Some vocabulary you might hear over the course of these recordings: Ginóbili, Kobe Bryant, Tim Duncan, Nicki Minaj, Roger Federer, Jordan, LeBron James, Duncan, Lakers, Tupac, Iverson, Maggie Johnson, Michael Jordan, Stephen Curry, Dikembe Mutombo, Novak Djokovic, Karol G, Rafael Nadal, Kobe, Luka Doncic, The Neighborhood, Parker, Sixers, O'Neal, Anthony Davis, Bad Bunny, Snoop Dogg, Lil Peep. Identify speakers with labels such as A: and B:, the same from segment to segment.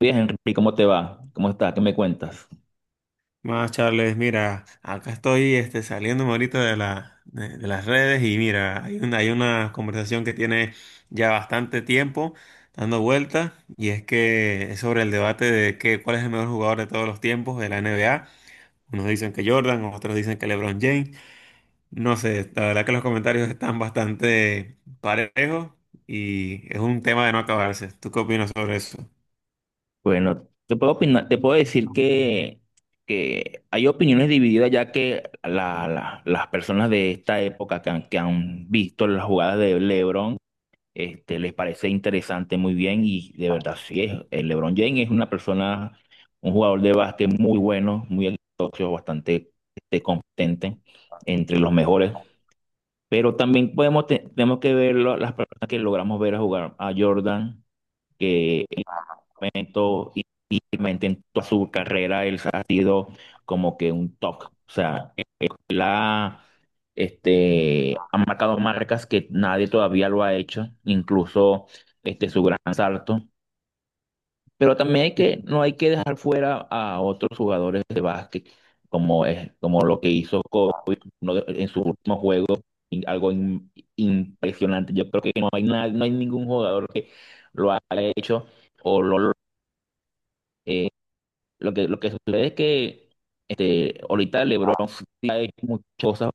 A: Bien, Henry, ¿cómo te va? ¿Cómo estás? ¿Qué me cuentas?
B: Más Charles, mira, acá estoy saliéndome ahorita de las redes y mira, hay una conversación que tiene ya bastante tiempo dando vueltas y es que es sobre el debate de que, cuál es el mejor jugador de todos los tiempos de la NBA. Unos dicen que Jordan, otros dicen que LeBron James. No sé, la verdad que los comentarios están bastante parejos y es un tema de no acabarse. ¿Tú qué opinas sobre eso?
A: Bueno, te puedo opinar, te puedo decir que hay opiniones divididas ya que las personas de esta época que han visto las jugadas de LeBron, les parece interesante, muy bien, y de verdad sí es. El LeBron James es una persona, un jugador de básquet muy bueno, muy exitoso, bastante, competente, entre los mejores. Pero también podemos tenemos que ver las personas que logramos ver a jugar a Jordan, que en un momento y realmente en toda su carrera él ha sido como que un top. O sea, él ha, ha marcado marcas que nadie todavía lo ha hecho, incluso, su gran salto. Pero también hay no hay que dejar fuera a otros jugadores de básquet, como, es, como lo que hizo con en su último juego, y algo impresionante. Yo creo que no hay, no hay ningún jugador que lo haya hecho o lo, eh, lo que, lo que sucede es que, ahorita LeBron sí ha hecho muchas cosas,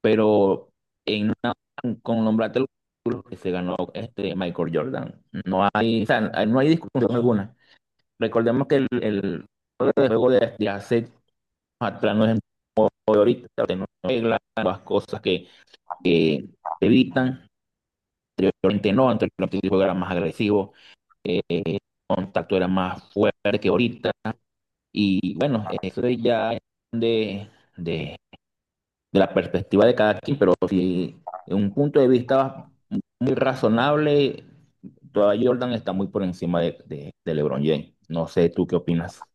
A: pero en una- con nombrarte los títulos que se ganó este Michael Jordan, no hay, o sea, no hay discusión alguna. Recordemos que el juego de hace atrás no es el juego de ahorita, no reglas, nuevas cosas que te evitan. Anteriormente no, anteriormente el juego era más agresivo, eh, contacto era más fuerte que ahorita. Y bueno, eso es ya de, de, de la perspectiva de cada quien, pero si en un punto de vista muy razonable, todavía Jordan está muy por encima de LeBron James. No sé tú qué opinas.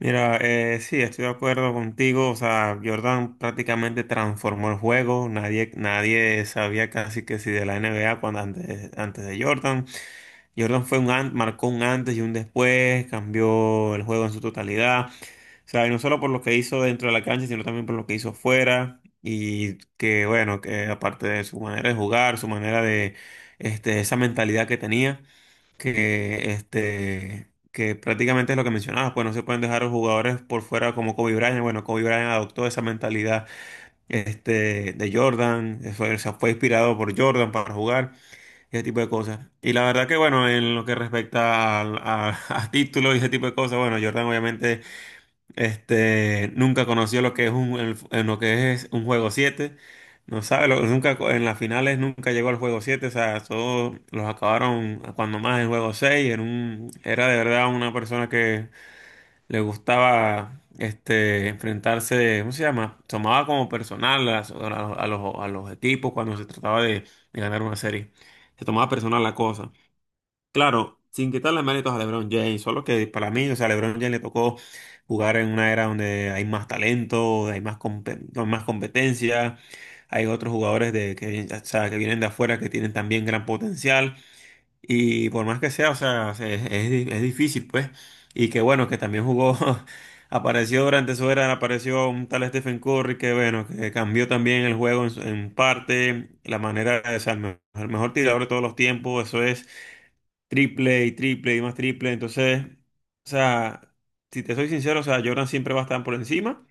B: Mira, sí, estoy de acuerdo contigo. O sea, Jordan prácticamente transformó el juego. Nadie sabía casi que si de la NBA cuando antes de Jordan. Jordan marcó un antes y un después, cambió el juego en su totalidad. O sea, y no solo por lo que hizo dentro de la cancha, sino también por lo que hizo fuera. Y que bueno, que aparte de su manera de jugar, su manera de esa mentalidad que tenía que prácticamente es lo que mencionabas, pues no se pueden dejar a los jugadores por fuera como Kobe Bryant. Bueno, Kobe Bryant adoptó esa mentalidad de Jordan, fue inspirado por Jordan para jugar, ese tipo de cosas. Y la verdad que bueno, en lo que respecta a, a títulos y ese tipo de cosas. Bueno, Jordan obviamente nunca conoció lo que es en lo que es un juego 7. No sabe, lo- nunca co- en las finales nunca llegó al juego 7. O sea, todos los acabaron a cuando más en juego 6. Era de verdad una persona que le gustaba enfrentarse. ¿Cómo se llama? Tomaba como personal a los equipos cuando se trataba de ganar una serie. Se tomaba personal la cosa. Claro, sin quitarle méritos a LeBron James, solo que para mí, o sea, LeBron James le tocó jugar en una era donde hay más talento, hay más, con más competencia, hay otros jugadores que, o sea, que vienen de afuera que tienen también gran potencial, y por más que sea, o sea, es difícil, pues, y que bueno, que también jugó, apareció durante su era, apareció un tal Stephen Curry que bueno, que cambió también el juego en parte, la manera, o sea, el mejor tirador de todos los tiempos. Eso es triple y triple y más triple. Entonces, o sea, si te soy sincero, o sea, Jordan siempre va a estar por encima,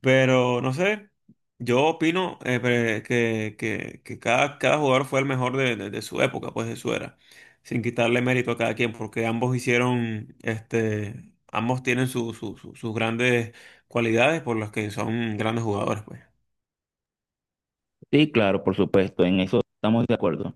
B: pero no sé, yo opino, que cada jugador fue el mejor de su época, pues de su era, sin quitarle mérito a cada quien, porque ambos ambos tienen sus grandes cualidades por las que son grandes jugadores, pues.
A: Sí, claro, por supuesto, en eso estamos de acuerdo.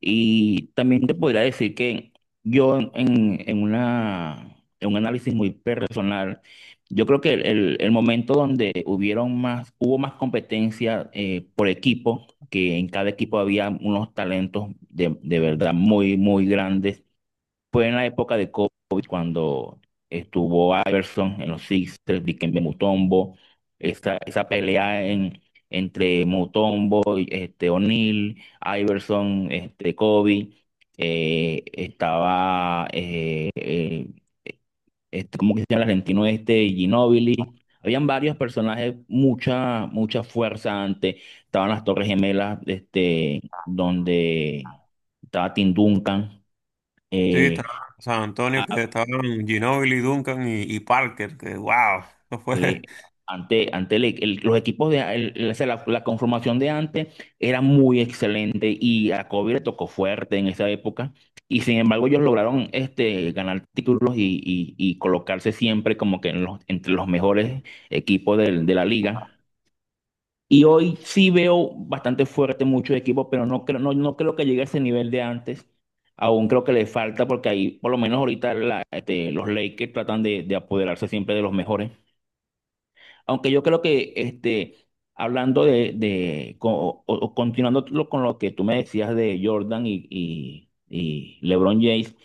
A: Y también te podría decir que yo en una, en un análisis muy personal, yo creo que el momento donde hubieron más, hubo más competencia, por equipo, que en cada equipo había unos talentos de verdad muy, muy grandes, fue en la época de COVID, cuando estuvo Iverson en los Sixers, Dikembe Mutombo, esa pelea en, entre Mutombo y, O'Neal, Iverson, Kobe, eh, estaba, eh, eh, ¿cómo que se llama el argentino este? Ginóbili. Habían varios personajes, mucha, mucha fuerza antes. Estaban las Torres Gemelas, donde estaba Tim Duncan.
B: Sí,
A: eh,
B: estaba San Antonio, que estaban Ginóbili, Duncan y Parker, que wow, no fue.
A: Sí, ante, ante los equipos de o sea, la conformación de antes era muy excelente, y a Kobe le tocó fuerte en esa época, y sin embargo ellos lograron, ganar títulos y, y colocarse siempre como que en entre los mejores equipos de la liga. Y hoy sí veo bastante fuerte muchos equipos, pero no creo, no, no creo que llegue a ese nivel de antes. Aún creo que le falta, porque ahí, por lo menos ahorita, los Lakers tratan de apoderarse siempre de los mejores. Aunque yo creo que, hablando de co- o continuando con lo que tú me decías de Jordan y, y LeBron James,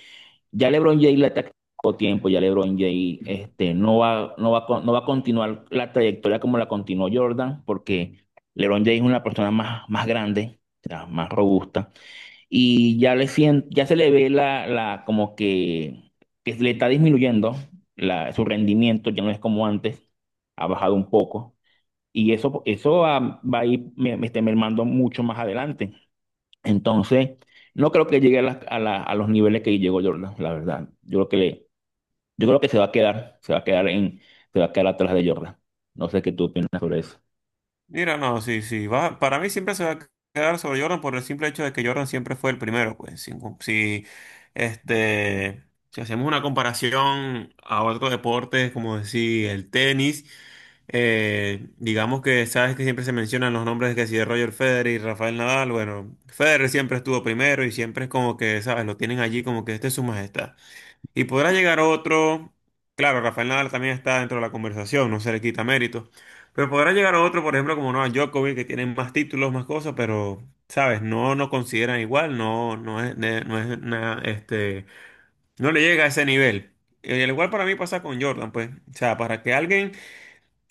A: ya LeBron James le está quitando tiempo, ya LeBron James, no va, no va, a no va a continuar la trayectoria como la continuó Jordan, porque LeBron James es una persona más, más grande, o sea, más robusta, y ya le ya se le ve la como que le está disminuyendo su rendimiento, ya no es como antes, ha bajado un poco, y eso va, va a ir me, me está mermando mucho más adelante. Entonces, no creo que llegue a, a a los niveles que llegó Jordan, la verdad. Yo creo que le, yo creo que se va a quedar, se va a quedar en, se va a quedar atrás de Jordan. No sé qué tú opinas sobre eso.
B: Mira, no, sí, sí. Va, para mí siempre se va a quedar sobre Jordan por el simple hecho de que Jordan siempre fue el primero, pues. Si, no, si, este, si hacemos una comparación a otros deportes, como decir el tenis, digamos que sabes que siempre se mencionan los nombres que si de Roger Federer y Rafael Nadal. Bueno, Federer siempre estuvo primero y siempre es como que, sabes, lo tienen allí como que este es su majestad. Y podrá llegar otro, claro, Rafael Nadal también está dentro de la conversación, no se le quita mérito, pero podrá llegar otro, por ejemplo, como Novak Djokovic, que tiene más títulos, más cosas, pero, ¿sabes? No nos consideran igual, no, no es, ne- no es na- este, no le llega a ese nivel. Y al igual para mí pasa con Jordan, pues, o sea, para que alguien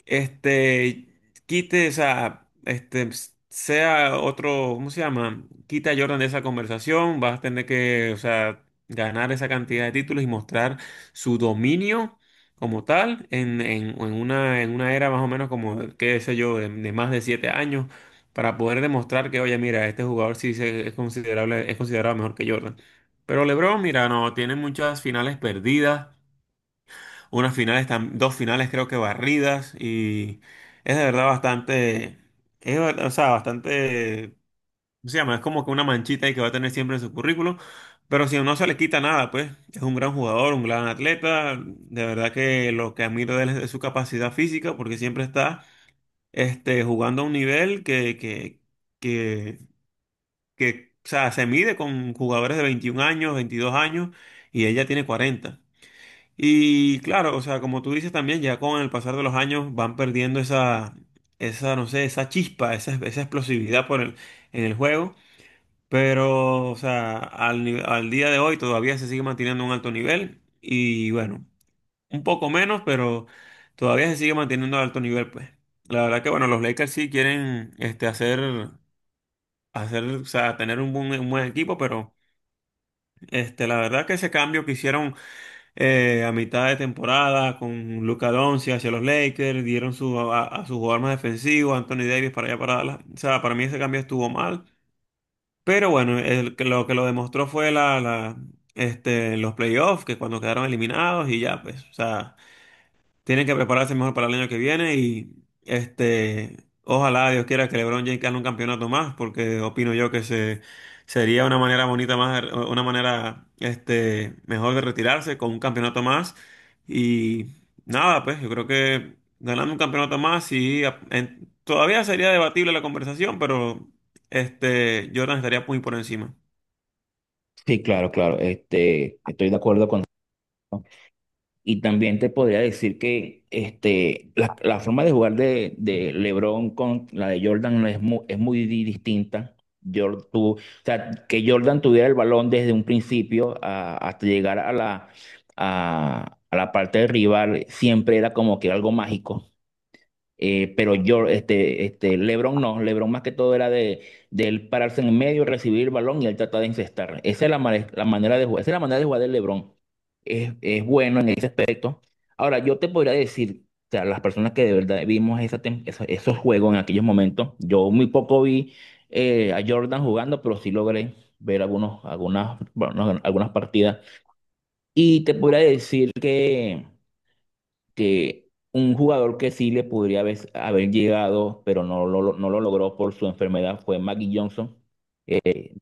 B: este, quite esa, sea otro. ¿Cómo se llama? Quita a Jordan de esa conversación, vas a tener que, o sea, ganar esa cantidad de títulos y mostrar su dominio como tal en, en una era más o menos como, qué sé yo, de más de 7 años, para poder demostrar que, oye, mira, este jugador sí es considerable, es considerado mejor que Jordan. Pero LeBron, mira, no, tiene muchas finales perdidas. Unas finales, dos finales creo que barridas y es de verdad bastante, o sea, bastante. ¿Cómo se llama? Es como que una manchita ahí que va a tener siempre en su currículum, pero si no se le quita nada, pues es un gran jugador, un gran atleta. De verdad que lo que admiro de él es su capacidad física porque siempre está jugando a un nivel que, que, o sea, se mide con jugadores de 21 años, 22 años, y ella tiene 40. Y claro, o sea, como tú dices también, ya con el pasar de los años van perdiendo no sé, esa chispa, esa explosividad en el juego. Pero, o sea, al, ni- al día de hoy todavía se sigue manteniendo un alto nivel. Y bueno, un poco menos, pero todavía se sigue manteniendo alto nivel, pues. La verdad que, bueno, los Lakers sí quieren o sea, tener un buen equipo, pero la verdad que ese cambio que hicieron, a mitad de temporada con Luka Doncic hacia los Lakers, dieron a su jugador más defensivo, Anthony Davis, para allá para Dallas. O sea, para mí ese cambio estuvo mal, pero bueno, lo que lo demostró fue los playoffs, que cuando quedaron eliminados y ya, pues, o sea. Tienen que prepararse mejor para el año que viene y este, ojalá Dios quiera que LeBron James gane un campeonato más, porque opino yo sería una manera bonita más, una manera mejor de retirarse con un campeonato más. Y nada, pues yo creo que ganando un campeonato más, sí, todavía sería debatible la conversación, pero Jordan estaría muy por encima.
A: Sí, claro, claro. Estoy de acuerdo con. Y también te podría decir que, la forma de jugar de LeBron con la de Jordan no es muy, es muy distinta. O sea, que Jordan tuviera el balón desde un principio hasta llegar a a la parte del rival, siempre era como que algo mágico. Pero yo, LeBron no, LeBron más que todo era de él pararse en medio, recibir el balón y él tratar de incestar. Esa es la manera de jugar, esa es la manera de jugar de LeBron. Es bueno en ese aspecto. Ahora, yo te podría decir, o sea, las personas que de verdad vimos esa esos juegos en aquellos momentos, yo muy poco vi, a Jordan jugando, pero sí logré ver algunos, algunas, bueno, no, algunas partidas. Y te podría decir que un jugador que sí le podría haber, haber llegado, pero no lo, no lo logró por su enfermedad, fue Maggie Johnson.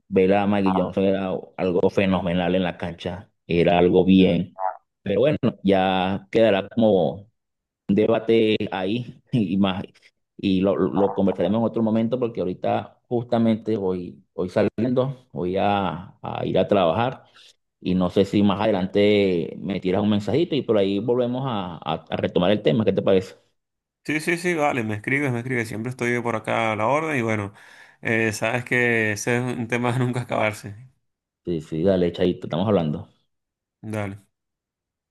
A: Ver a Maggie Johnson era algo fenomenal en la cancha, era algo bien. Pero bueno, ya quedará como un debate ahí y más. Y lo conversaremos en otro momento, porque ahorita justamente hoy, hoy saliendo, voy a ir a trabajar, y no sé si más adelante me tiras un mensajito y por ahí volvemos a, a retomar el tema. ¿Qué te parece?
B: Sí, sí, sí, vale, me escribes, siempre estoy por acá a la orden y bueno, sabes que ese es un tema de nunca acabarse.
A: Sí, sí, dale, chaito, estamos hablando.
B: Dale.